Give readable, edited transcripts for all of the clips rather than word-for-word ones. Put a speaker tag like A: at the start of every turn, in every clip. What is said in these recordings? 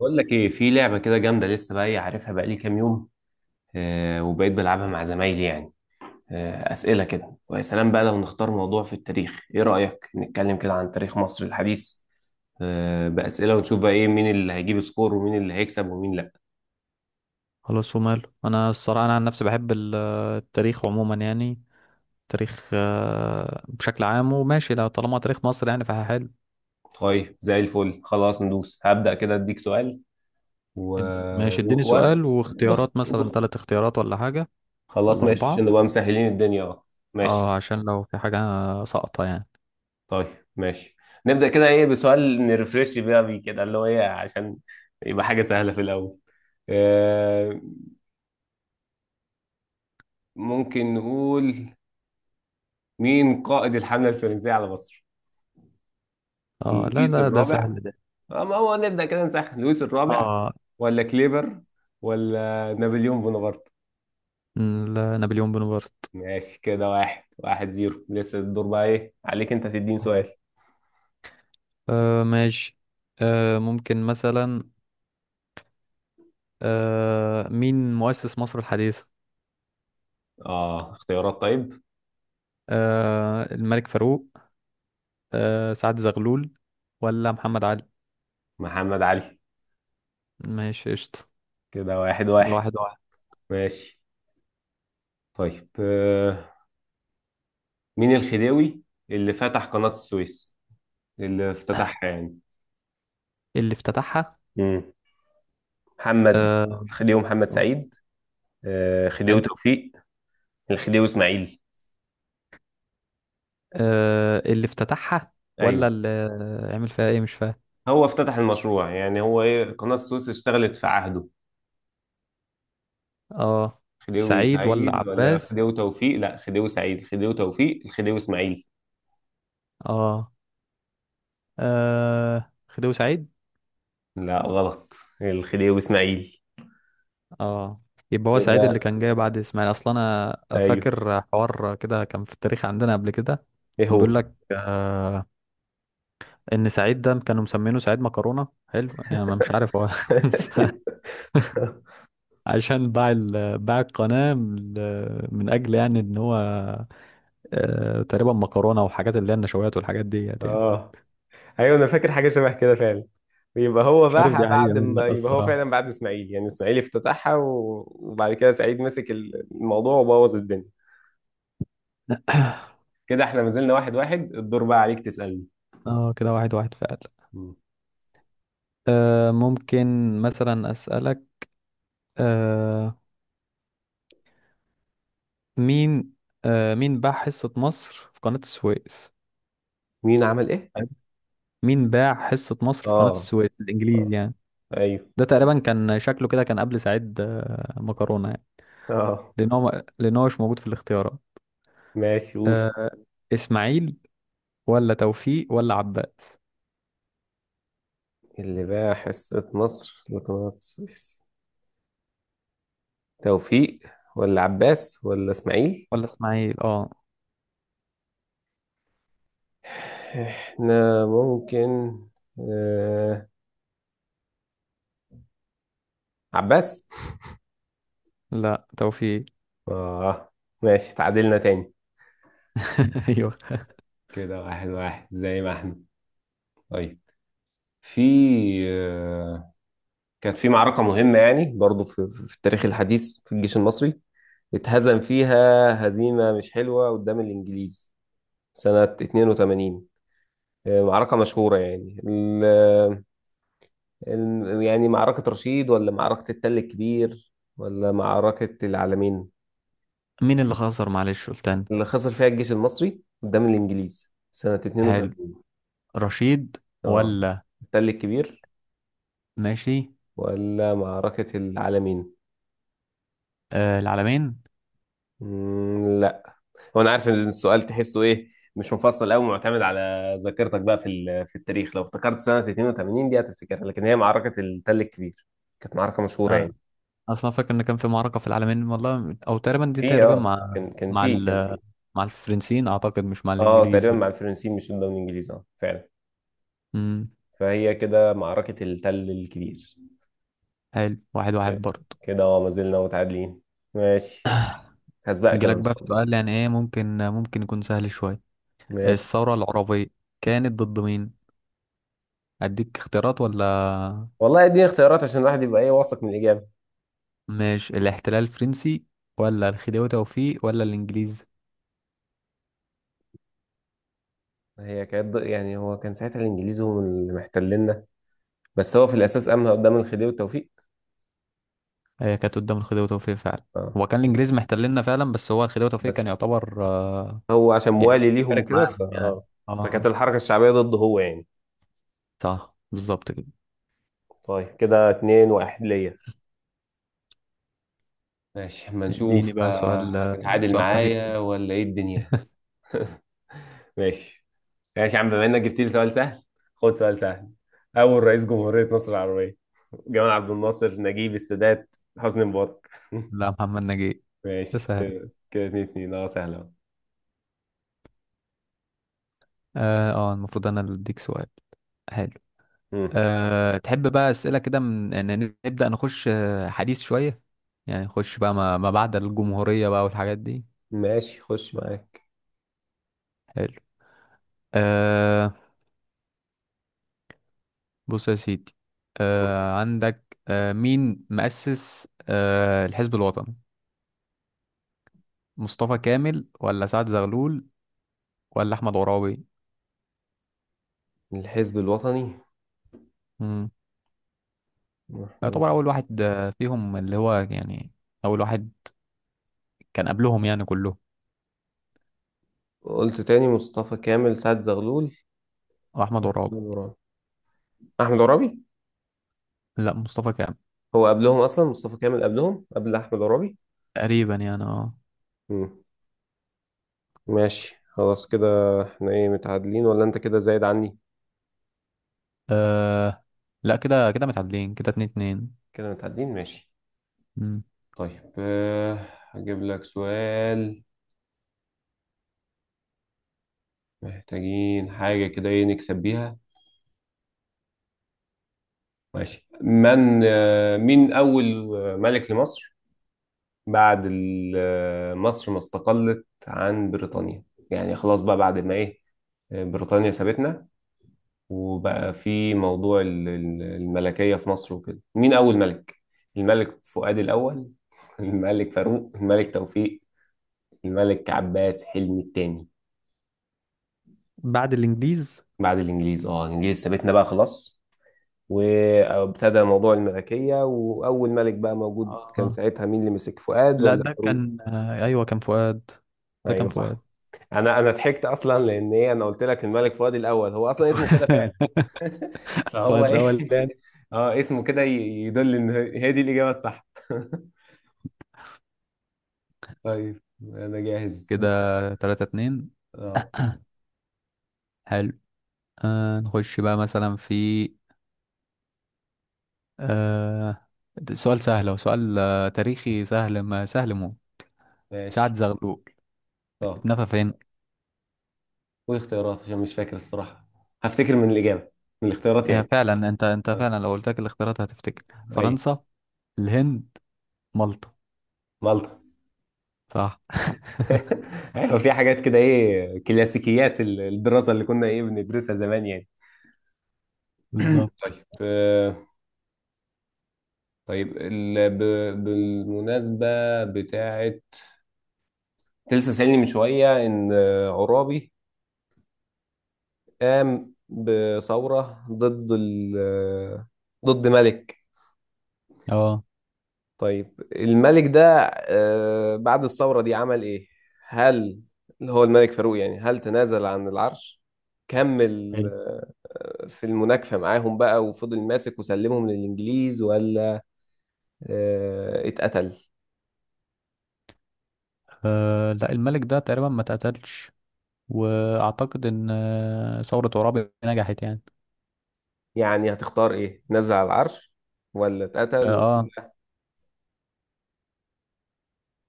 A: بقول لك ايه، في لعبه كده جامده، لسه بقى ايه عارفها بقى لي كام يوم. وبقيت بلعبها مع زمايلي يعني. اسئله كده، ويا سلام بقى لو نختار موضوع في التاريخ. ايه رايك نتكلم كده عن تاريخ مصر الحديث؟ باسئله ونشوف بقى ايه، مين اللي هيجيب سكور ومين اللي هيكسب ومين لا.
B: خلاص وماله. انا الصراحه، انا عن نفسي بحب التاريخ عموما يعني. تاريخ بشكل عام. وماشي، لو طالما تاريخ مصر يعني فحلو.
A: طيب زي الفل، خلاص ندوس، هبدا كده اديك سؤال. و,
B: ماشي، اديني
A: و... و...
B: سؤال
A: وبخ...
B: واختيارات، مثلا
A: وبخ...
B: ثلاث اختيارات ولا حاجه،
A: خلاص
B: ولا
A: ماشي
B: اربعه،
A: عشان نبقى مسهلين الدنيا، اه ماشي.
B: اه عشان لو في حاجه ساقطه يعني.
A: طيب ماشي، نبدأ كده ايه بسؤال نرفرش بقى بيه كده اللي هو ايه، عشان يبقى حاجة سهلة في الأول. آه ممكن نقول مين قائد الحملة الفرنسية على مصر؟
B: اه، لا
A: لويس
B: لا، ده
A: الرابع؟
B: سهل ده.
A: ما هو نبدأ كده نسخن. لويس الرابع
B: اه
A: ولا كليبر ولا نابليون بونابرت؟
B: لا، نابليون بونابرت.
A: ماشي، كده واحد واحد زيرو. لسه الدور بقى ايه عليك، انت تديني سؤال.
B: آه ماشي. ممكن مثلا، مين مؤسس مصر الحديثه؟
A: اه اختيارات طيب.
B: الملك فاروق، سعد زغلول، ولا محمد علي؟
A: محمد علي.
B: ماشي قشطة.
A: كده واحد
B: كده
A: واحد.
B: واحد واحد.
A: ماشي. طيب مين الخديوي اللي فتح قناة السويس، اللي افتتحها يعني؟
B: اللي افتتحها.
A: مم. محمد،
B: آه
A: الخديوي محمد سعيد، خديوي
B: حلو.
A: توفيق، الخديوي اسماعيل؟
B: اللي افتتحها ولا
A: ايوه.
B: اللي عمل فيها ايه؟ مش فاهم.
A: هو افتتح المشروع يعني، هو ايه قناة السويس اشتغلت في عهده.
B: اه،
A: خديوي
B: سعيد ولا
A: سعيد ولا
B: عباس؟
A: خديوي توفيق؟ لا، خديوي سعيد. خديوي توفيق. الخديوي اسماعيل.
B: اه, خديوي سعيد.
A: لا غلط، الخديوي اسماعيل.
B: اه، يبقى هو سعيد اللي
A: كده،
B: كان جاي بعد اسماعيل. اصلا انا
A: ايوه
B: فاكر حوار كده كان في التاريخ عندنا قبل كده.
A: ايه
B: كان
A: هو.
B: بيقول لك ان سعيد ده كانوا مسمينه سعيد مكرونه، حلو يعني. أنا مش عارف هو. عشان باع القناة من أجل يعني إن هو تقريبا مكرونة، وحاجات اللي هي النشويات والحاجات ديت يعني.
A: اه ايوه، انا فاكر حاجه شبه كده فعلا. يبقى هو
B: مش عارف دي
A: باعها
B: تمام حقيقة
A: بعد
B: ولا لأ
A: ما، يبقى هو فعلا
B: الصراحة.
A: بعد اسماعيل يعني. اسماعيل افتتحها، وبعد كده سعيد مسك الموضوع وبوظ الدنيا. كده احنا ما زلنا واحد واحد. الدور بقى عليك تسألني.
B: اه، كده واحد واحد فعلا.
A: مم.
B: ممكن مثلا أسألك، آه مين مين باع حصة مصر في قناة السويس؟
A: مين عمل ايه؟
B: حلو. مين باع حصة مصر في قناة
A: اه
B: السويس
A: اه
B: الإنجليزي يعني؟
A: ايوه
B: ده تقريبا كان شكله كده، كان قبل سعيد مكرونة يعني.
A: اه.
B: لأن هو مش موجود في الاختيارات.
A: ماشي قول.
B: آه، إسماعيل، ولا توفيق، ولا عباس،
A: اللي باع حصة مصر لقناة السويس، توفيق ولا عباس ولا اسماعيل؟
B: ولا اسماعيل. اه،
A: احنا ممكن آه... عباس.
B: لا، توفيق.
A: اه ماشي، تعادلنا تاني.
B: ايوه.
A: كده واحد واحد زي ما احنا. طيب، في آه، كانت في معركة مهمة يعني برضو في التاريخ الحديث، في الجيش المصري اتهزم فيها هزيمة مش حلوة قدام الإنجليز سنة 82. معركة مشهورة يعني، ال ال يعني معركة رشيد ولا معركة التل الكبير ولا معركة العلمين؟
B: مين اللي خسر؟ معلش، قلت انا.
A: اللي خسر فيها الجيش المصري قدام الإنجليز سنة
B: حلو.
A: 82.
B: رشيد،
A: اه،
B: ولا؟
A: التل الكبير،
B: ماشي.
A: ولا معركة العلمين.
B: العالمين.
A: مم، هو انا عارف ان السؤال تحسه ايه، مش مفصل قوي، معتمد على ذاكرتك بقى في في التاريخ. لو افتكرت سنه 82 دي هتفتكرها، لكن هي معركه التل الكبير، كانت معركه مشهوره يعني.
B: آه. اصلا فاكر ان كان في معركة في العالمين، والله، او تقريبا دي
A: في
B: تقريبا
A: اه
B: مع
A: كان كان
B: مع
A: في كان
B: ال...
A: في
B: مع الفرنسيين اعتقد، مش مع
A: اه،
B: الانجليز
A: تقريبا
B: بقى.
A: مع الفرنسيين، مش قدام الانجليز، اه فعلا.
B: امم
A: فهي كده معركه التل الكبير.
B: حلو، واحد واحد برضه.
A: كده اه ما زلنا متعادلين. ماشي، هسبقك انا
B: نجيلك
A: ان شاء
B: بقى في
A: الله.
B: سؤال يعني، ايه ممكن ممكن يكون سهل شوية.
A: ماشي.
B: الثورة العربية كانت ضد مين؟ اديك اختيارات ولا؟
A: والله اديني اختيارات عشان الواحد يبقى ايه واثق من الاجابه.
B: ماشي. الاحتلال الفرنسي، ولا الخديوي توفيق، ولا الانجليز؟
A: هي كانت يعني، هو كان ساعتها الانجليز هم اللي محتلين، بس هو في الاساس امهى قدام الخديوي وتوفيق.
B: هي كانت قدام الخديوي توفيق فعلا.
A: اه
B: هو كان الانجليز محتليننا فعلا، بس هو الخديوي توفيق كان
A: بس
B: يعتبر
A: هو عشان
B: يعني
A: موالي ليهم
B: فارق
A: وكده، ف
B: معاهم يعني.
A: اه فكانت
B: اه،
A: الحركه الشعبيه ضده هو يعني.
B: صح بالظبط كده.
A: طيب كده اتنين واحد ليا. ماشي اما
B: اديني
A: نشوف،
B: بقى سؤال،
A: هتتعادل
B: سؤال خفيف
A: معايا
B: كده.
A: ولا ايه الدنيا. ماشي. ماشي يا عم، بما انك جبت لي سؤال سهل، خد سؤال سهل. اول رئيس جمهوريه مصر العربيه: جمال عبد الناصر، نجيب، السادات، حسني مبارك؟
B: لا، محمد نجيب. ده
A: ماشي
B: سهل.
A: كده كده اتنين اتنين، اه سهله أهو.
B: المفروض انا اللي اديك سؤال. حلو.
A: مم.
B: تحب بقى اسئله كده؟ من إن نبدا نخش حديث شويه، يعني نخش بقى ما بعد الجمهوريه بقى والحاجات دي.
A: ماشي خش معاك.
B: حلو. أه بص يا سيدي.
A: مم.
B: عندك، مين مؤسس الحزب الوطني؟ مصطفى كامل، ولا سعد زغلول، ولا احمد عرابي؟
A: الحزب الوطني؟
B: امم يعتبر اول واحد فيهم، اللي هو يعني اول واحد كان قبلهم يعني كلهم.
A: قلت تاني، مصطفى كامل، سعد زغلول،
B: هو احمد عرابي.
A: أحمد عرابي. أحمد عرابي.
B: لا، مصطفى كامل.
A: هو قبلهم أصلا، مصطفى كامل قبلهم قبل أحمد عرابي.
B: تقريبا يعني. اه،
A: مم. ماشي خلاص كده. احنا ايه متعادلين ولا انت كده زايد عني؟
B: آه، لا، كده كده متعادلين، كده اتنين اتنين.
A: كده متعادلين، ماشي.
B: مم.
A: طيب هجيب لك سؤال، محتاجين حاجة كده ايه نكسب بيها. ماشي. من مين أول ملك لمصر بعد مصر ما استقلت عن بريطانيا؟ يعني خلاص بقى بعد ما ايه، بريطانيا سابتنا وبقى في موضوع الملكية في مصر وكده. مين أول ملك؟ الملك فؤاد الأول الملك فاروق، الملك توفيق، الملك عباس حلمي الثاني؟
B: بعد الانجليز.
A: بعد الإنجليز. اه الإنجليز سابتنا بقى خلاص، وابتدى موضوع الملكية، وأول ملك بقى موجود كان
B: اه
A: ساعتها مين اللي مسك، فؤاد
B: لا،
A: ولا
B: ده
A: فاروق؟
B: كان ايوه، كان فؤاد. ده كان
A: أيوه صح.
B: فؤاد.
A: أنا ضحكت أصلا لأن إيه، أنا قلت لك الملك فؤاد الأول، هو أصلا اسمه كده فعلا. فهو
B: فؤاد
A: إيه.
B: الاول.
A: اه اسمه كده، يدل إن هي دي الإجابة الصح. طيب انا جاهز دور.
B: كده تلاتة اتنين.
A: اه
B: حلو. نخش بقى مثلا في، آه ده سؤال سهل. هو سؤال تاريخي سهل، ما سهل مو. سعد
A: ماشي.
B: زغلول
A: طب
B: اتنفى فين؟
A: قول اختيارات عشان مش فاكر الصراحة، هفتكر من الإجابة، من الاختيارات
B: هي
A: يعني.
B: فعلا، انت
A: آه.
B: فعلا لو قلت لك الاختيارات هتفتكر.
A: ايوه.
B: فرنسا، الهند، مالطا.
A: مالطا؟
B: صح.
A: ايوه، في حاجات كده ايه كلاسيكيات الدراسة اللي كنا ايه بندرسها زمان يعني.
B: بالظبط.
A: طيب طيب بالمناسبة بتاعت، لسه سألني من شوية ان عرابي قام بثورة ضد ال... آه، ضد ملك.
B: اه،
A: طيب الملك ده بعد الثورة دي عمل إيه؟ هل اللي هو الملك فاروق يعني، هل تنازل عن العرش؟ كمل
B: حلو.
A: في المناكفة معاهم بقى وفضل ماسك وسلمهم للإنجليز؟ ولا اتقتل؟
B: لا، الملك ده تقريبا ما اتقتلش. واعتقد ان ثورة عرابي نجحت يعني.
A: يعني هتختار إيه؟ نزل على العرش ولا
B: اه،
A: اتقتل ولا-؟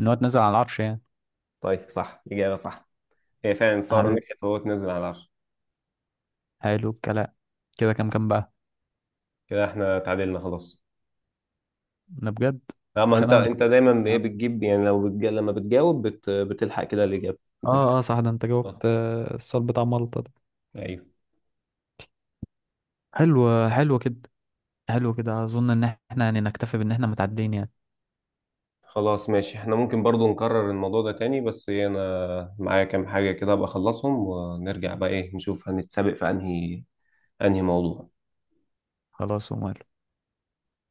B: ان هو اتنزل على العرش يعني.
A: طيب صح، إجابة صح. هي فعلا الثورة
B: حبيبي،
A: نجحت وهو اتنزل على العرش.
B: حلو الكلام. كده كام كام بقى؟
A: كده احنا اتعادلنا خلاص.
B: انا بجد.
A: اما
B: مش
A: انت
B: انا اللي
A: انت
B: كنت كسبان
A: دايما
B: يا
A: ايه
B: عم.
A: بتجيب يعني، لو لما بتجاوب، بتلحق كده الإجابة بتلحق.
B: اه اه، صح، ده انت جاوبت
A: آه.
B: السؤال بتاع مالطا ده.
A: ايوه.
B: حلو حلو كده. حلو كده، اظن ان احنا يعني نكتفي بان احنا متعدين يعني.
A: خلاص ماشي. احنا ممكن برضو نكرر الموضوع ده تاني، بس ايه انا معايا كام حاجة كده ابقى اخلصهم، ونرجع بقى ايه نشوف هنتسابق في انهي انهي موضوع.
B: خلاص ومال.